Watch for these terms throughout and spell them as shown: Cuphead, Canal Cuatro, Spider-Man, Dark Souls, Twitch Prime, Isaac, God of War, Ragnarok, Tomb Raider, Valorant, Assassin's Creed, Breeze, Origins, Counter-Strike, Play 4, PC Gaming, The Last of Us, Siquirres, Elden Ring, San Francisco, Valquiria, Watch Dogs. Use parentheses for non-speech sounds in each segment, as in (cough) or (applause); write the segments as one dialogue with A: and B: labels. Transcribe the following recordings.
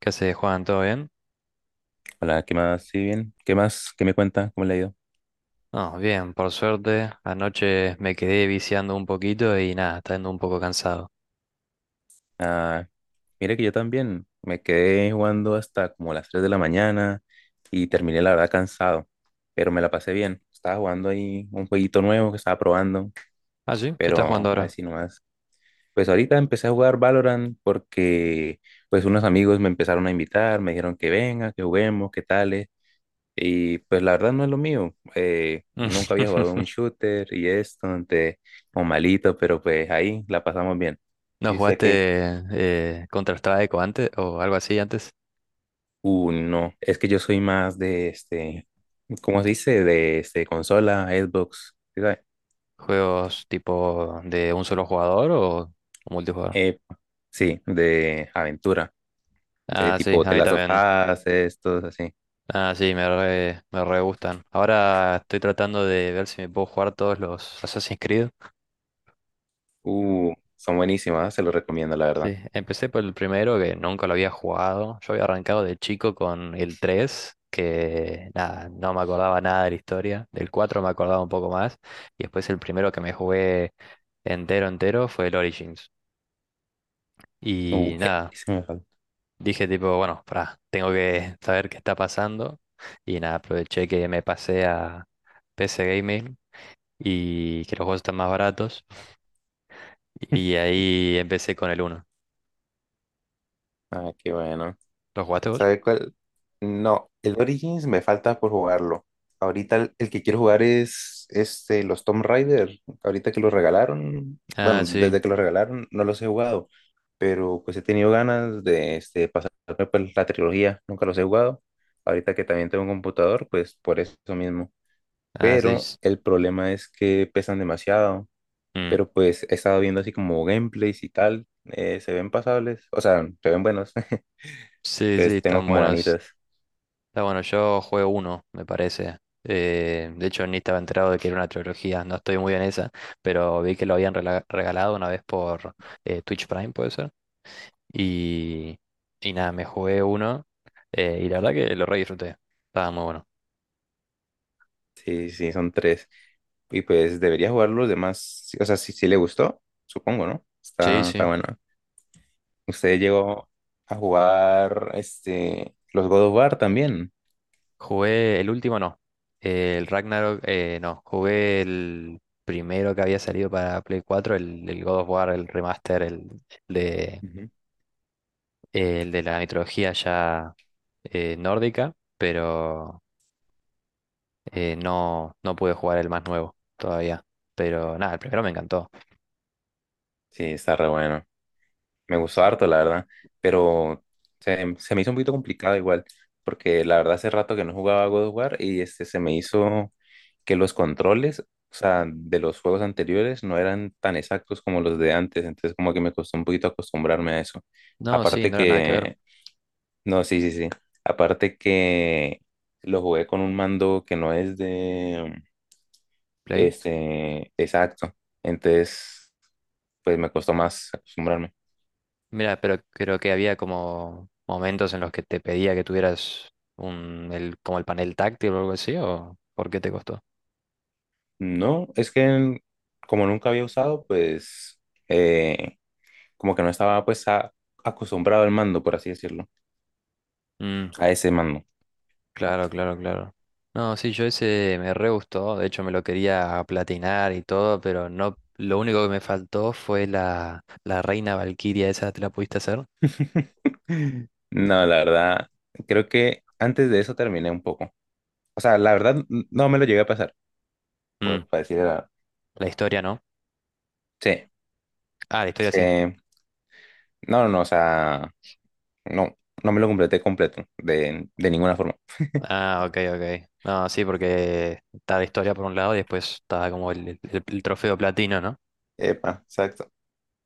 A: ¿Qué haces, Juan? ¿Todo bien?
B: Hola, ¿qué más? ¿Sí, bien? ¿Qué más? ¿Qué me cuenta? ¿Cómo le ha ido?
A: No, bien, por suerte. Anoche me quedé viciando un poquito y nada, está yendo un poco cansado.
B: Ah, mire que yo también me quedé jugando hasta como las 3 de la mañana y terminé la verdad cansado, pero me la pasé bien. Estaba jugando ahí un jueguito nuevo que estaba probando,
A: Ah, sí, ¿qué estás
B: pero
A: jugando ahora?
B: así nomás. Pues ahorita empecé a jugar Valorant porque pues unos amigos me empezaron a invitar, me dijeron que venga, que juguemos, qué tal. Y pues la verdad no es lo mío. Nunca había jugado un
A: (laughs)
B: shooter y esto, entonces, o malito, pero pues ahí la pasamos bien.
A: ¿No
B: Y sé
A: jugaste
B: que,
A: Counter-Strike o antes o algo así antes?
B: no, es que yo soy más de este, ¿cómo se dice? De este, consola, Xbox, ¿sí sabe?
A: ¿Juegos tipo de un solo jugador o multijugador?
B: Eh, sí, de aventura, de
A: Ah, sí,
B: tipo
A: a
B: The
A: mí
B: Last of
A: también.
B: Us, estos así.
A: Ah, sí, me re gustan. Ahora estoy tratando de ver si me puedo jugar todos los Assassin's Creed.
B: Son buenísimas, se los recomiendo, la verdad.
A: Sí, empecé por el primero que nunca lo había jugado. Yo había arrancado de chico con el 3, que nada, no me acordaba nada de la historia. Del 4 me acordaba un poco más. Y después el primero que me jugué entero fue el Origins. Y nada,
B: Sí se me falta.
A: dije tipo, bueno, pará, tengo que (laughs) saber qué está pasando. Y nada, aproveché que me pasé a PC Gaming y que los juegos están más baratos. Y ahí empecé con el uno.
B: Ah, qué bueno.
A: ¿Los jugaste vos?
B: ¿Sabe cuál? No, el Origins me falta por jugarlo. Ahorita el que quiero jugar es este, los Tomb Raider. Ahorita que los regalaron,
A: Ah,
B: bueno,
A: sí.
B: desde que los regalaron no los he jugado, pero pues he tenido ganas de este, pasarme pues, la trilogía. Nunca los he jugado. Ahorita que también tengo un computador, pues por eso mismo.
A: Ah, sí.
B: Pero el problema es que pesan demasiado. Pero pues he estado viendo así como gameplays y tal. Se ven pasables, o sea, se ven buenos. (laughs)
A: Sí, sí,
B: Entonces tengo
A: están
B: como
A: buenos.
B: ganitas.
A: Está bueno, yo juego uno, me parece. De hecho, ni estaba enterado de que era una trilogía, no estoy muy en esa, pero vi que lo habían regalado una vez por Twitch Prime, puede ser. Y, y nada, me jugué uno, y la verdad que lo re disfruté. Estaba muy bueno.
B: Sí, sí, son tres. Y pues debería jugar los demás. Sí. O sea, si le gustó, supongo, ¿no?
A: Sí,
B: Está, está
A: sí.
B: bueno. Usted llegó a jugar este, los God of War también.
A: Jugué el último, no. El Ragnarok, no. Jugué el primero que había salido para Play 4, el God of War, el remaster, el de
B: Ujú.
A: el de la mitología ya nórdica, pero no, no pude jugar el más nuevo todavía. Pero nada, el primero me encantó.
B: Sí, está re bueno. Me gustó
A: Sí.
B: harto, la verdad, pero se me hizo un poquito complicado igual, porque la verdad hace rato que no jugaba God of War y este se me hizo que los controles, o sea, de los juegos anteriores no eran tan exactos como los de antes, entonces como que me costó un poquito acostumbrarme a eso.
A: No, sí,
B: Aparte
A: no era nada que ver.
B: que, no, sí, sí, sí, aparte que lo jugué con un mando que no es de,
A: Play.
B: este, exacto, entonces pues me costó más acostumbrarme.
A: Mira, pero creo que había como momentos en los que te pedía que tuvieras un, el, como el panel táctil o algo así, ¿o por qué te costó?
B: No, es que como nunca había usado, pues eh, como que no estaba pues acostumbrado al mando, por así decirlo,
A: Mm.
B: a ese mando.
A: Claro, claro, claro. No, sí, yo ese me re gustó, de hecho me lo quería platinar y todo, pero no, lo único que me faltó fue la, la reina Valquiria, ¿esa te la pudiste hacer?
B: (laughs) No, la verdad, creo que antes de eso terminé un poco. O sea, la verdad, no me lo llegué a pasar,
A: Mm,
B: para decir la verdad.
A: la historia, ¿no?
B: Sí,
A: Ah, la
B: es
A: historia sí.
B: que, no, no, no, o sea, no, no me lo completé completo, de ninguna forma.
A: Ah, ok, ok. No, sí, porque está la historia por un lado y después está como el trofeo platino, ¿no?
B: Epa, exacto.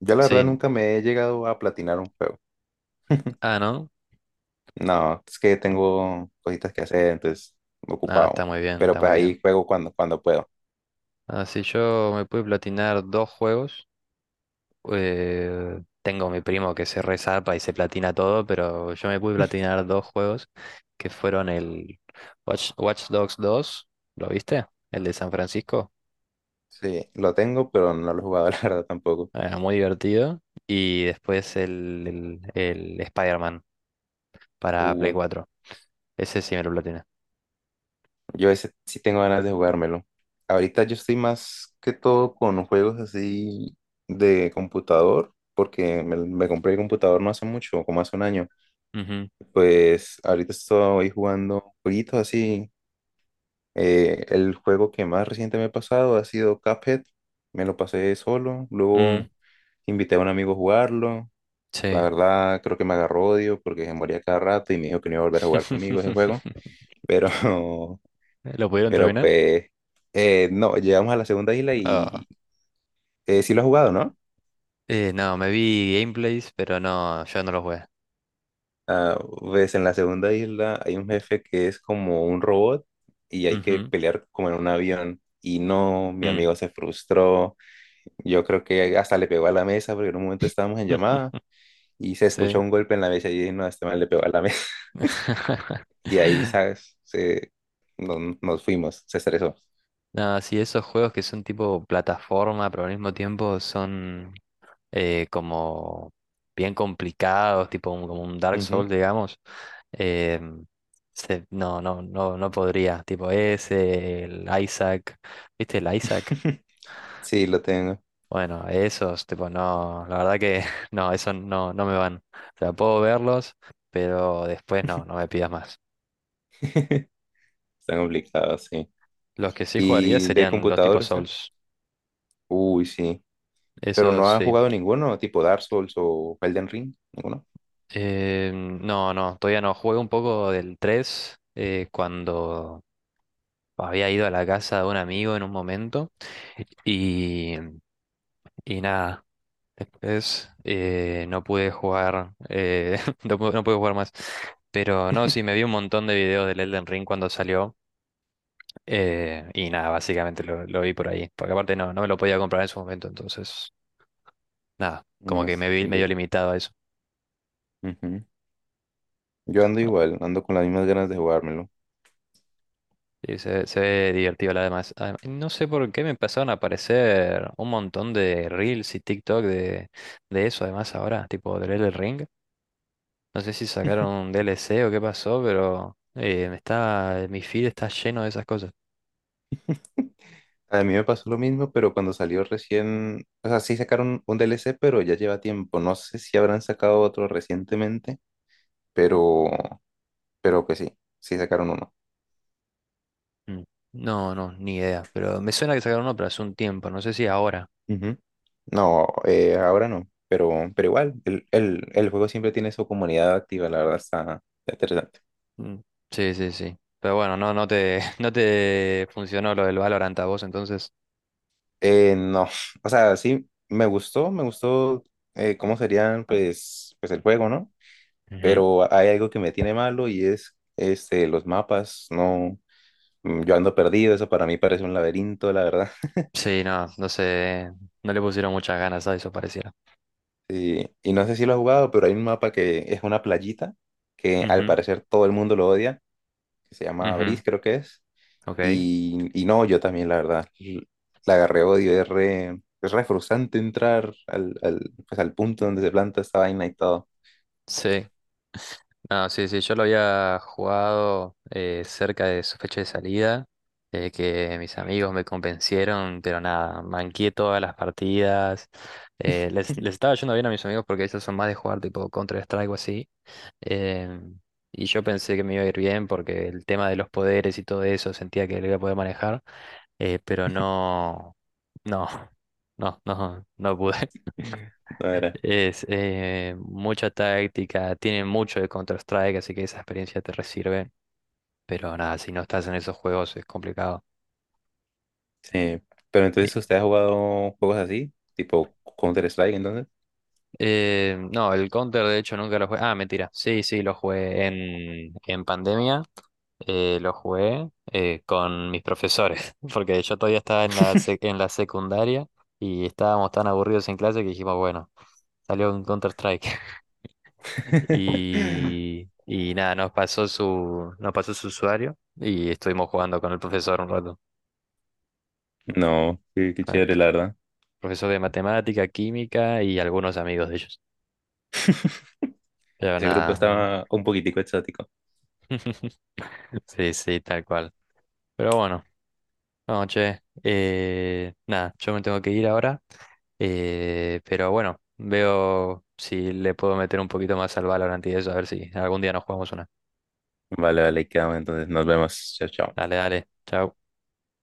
B: Yo la verdad
A: Sí.
B: nunca me he llegado a platinar un juego.
A: Ah, ¿no?
B: No, es que
A: No.
B: tengo cositas que hacer, entonces
A: Ah, está
B: ocupado.
A: muy bien,
B: Pero
A: está
B: pues
A: muy bien.
B: ahí juego cuando puedo.
A: Ah, sí, yo me pude platinar dos juegos. Tengo mi primo que se resarpa y se platina todo, pero yo me pude platinar dos juegos que fueron el Watch Dogs dos, ¿lo viste? El de San Francisco,
B: Sí, lo tengo, pero no lo he jugado, (laughs) la verdad, tampoco.
A: muy divertido. Y después el Spider-Man para Play
B: Uh,
A: cuatro. Ese sí me lo platiné.
B: yo ese sí tengo ganas de jugármelo. Ahorita yo estoy más que todo con juegos así de computador, porque me compré el computador no hace mucho, como hace un año.
A: Ujú.
B: Pues ahorita estoy jugando jueguitos así. El juego que más reciente me he pasado ha sido Cuphead. Me lo pasé solo,
A: Mm,
B: luego invité a un amigo a jugarlo. La
A: sí.
B: verdad, creo que me agarró odio porque se moría cada rato y me dijo que no iba a volver a jugar conmigo ese juego.
A: (laughs)
B: Pero,
A: ¿Lo
B: (laughs)
A: pudieron
B: pero
A: terminar?
B: pues, no, llegamos a la segunda isla
A: Ah.
B: y sí lo ha jugado, ¿no?
A: No, me vi gameplays, pero no, yo no los jugué.
B: Ah, pues en la segunda isla hay un jefe que es como un robot y hay que
A: Ujú.
B: pelear como en un avión. Y no, mi
A: Mm.
B: amigo se frustró. Yo creo que hasta le pegó a la mesa porque en un momento estábamos en llamada
A: (laughs)
B: y se escuchó
A: Sí.
B: un golpe en la mesa y dije, no, este man le pegó a la (laughs) mesa.
A: (laughs)
B: Y ahí, ¿sabes? Se, no- no, nos fuimos, se estresó.
A: No, sí, esos juegos que son tipo plataforma, pero al mismo tiempo son como bien complicados, tipo como un Dark
B: Ujú.
A: Souls, digamos. eh, no, no podría. Tipo ese, el Isaac, ¿viste el Isaac?
B: (laughs) Sí, lo tengo.
A: Bueno, esos, tipo, no, la verdad que (laughs) no, esos no, no me van. O sea, puedo verlos, pero después no, no me pidas más.
B: (laughs) Está complicado, sí.
A: Los que sí jugaría
B: ¿Y de
A: serían los tipos
B: computadores, eh?
A: Souls.
B: Uy, sí. Pero
A: Eso
B: no ha
A: sí.
B: jugado ninguno, tipo Dark Souls o Elden Ring, ninguno.
A: No, no, todavía no. Jugué un poco del 3 cuando había ido a la casa de un amigo en un momento y, y nada, después no pude jugar, (laughs) no, no pude jugar más. Pero no, sí, me vi un montón de videos del Elden Ring cuando salió, y nada, básicamente lo vi por ahí, porque aparte no, no me lo podía comprar en su momento, entonces nada,
B: No
A: como que
B: es
A: me vi medio
B: entendido.
A: limitado a eso.
B: Ujú. Yo ando igual, ando con las mismas ganas de jugármelo.
A: Sí, se ve divertido la demás. No sé por qué me empezaron a aparecer un montón de reels y TikTok de eso, además ahora, tipo del Elden Ring. No sé si sacaron un DLC o qué pasó, pero me está, mi feed está lleno de esas cosas.
B: A mí me pasó lo mismo, pero cuando salió recién, o sea, sí sacaron un DLC pero ya lleva tiempo. No sé si habrán sacado otro recientemente, pero, pero que sí, sí sacaron uno.
A: Mm. No, no, ni idea. Pero me suena que sacaron uno, pero hace un tiempo, no sé si ahora.
B: Ujú. No, ahora no, pero igual, el juego siempre tiene su comunidad activa, la verdad está interesante.
A: Mm. Sí, sí, sí. Pero bueno, (laughs) no te funcionó lo del Valorant a vos entonces.
B: No, (laughs) o sea, sí, me gustó cómo serían pues, pues el juego, ¿no?
A: Ujú.
B: Pero hay algo que me tiene malo y es este, los mapas, no. Mm, yo ando perdido, eso para mí parece un laberinto, la verdad. (laughs)
A: Sí, no, no sé, no le pusieron muchas ganas a eso, pareciera.
B: Sí, y no sé si lo has jugado, pero hay un mapa que es una playita que al
A: Ujú.
B: parecer todo el mundo lo odia, que se llama
A: Ujú.
B: Breeze, creo que es.
A: Ok,
B: Y no, yo también, la verdad, la agarré odio, es re frustrante entrar pues, al punto donde se planta esta vaina y todo.
A: sí. No, sí, sí, yo lo había jugado cerca de su fecha de salida, que mis amigos me convencieron, pero nada, manqué todas las partidas. Les estaba yendo bien a mis amigos porque ellos son más de jugar tipo Counter-Strike o así. em, y yo pensé que me iba a ir bien porque el tema de los poderes y todo eso sentía que lo iba a poder manejar, pero no, no, (laughs) no pude.
B: No era.
A: Es mucha táctica, tiene mucho de Counter-Strike, así que esa experiencia te resirve. Pero nada, si no estás en esos juegos es complicado.
B: Sí. Pero
A: Y-
B: entonces, ¿usted ha jugado juegos así? Tipo Counter-Strike, entonces.
A: no, el Counter de hecho nunca lo jugué. Ah, mentira. Sí, sí, lo jugué en pandemia. Lo jugué con mis profesores, (laughs) porque yo todavía estaba en la, en la secundaria y estábamos tan aburridos en clase que dijimos, bueno, salió un Counter-Strike. (laughs)
B: (laughs)
A: Y nada, nos pasó su usuario y estuvimos jugando con el profesor un rato.
B: No, qué
A: Con el
B: chévere,
A: pr-
B: la verdad.
A: Profesor de matemática, química y algunos amigos de ellos. Pero
B: Ese grupo
A: nada.
B: estaba un poquitico exótico.
A: (laughs) Sí, sí, tal cual. Pero bueno. No, che, nada, yo me tengo que ir ahora, pero bueno, veo si le puedo meter un poquito más al Valorant y eso, a ver si algún día nos jugamos una.
B: Vale, vale, ahí quedamos entonces. Nos vemos. Chao, chao.
A: Dale, dale, chao.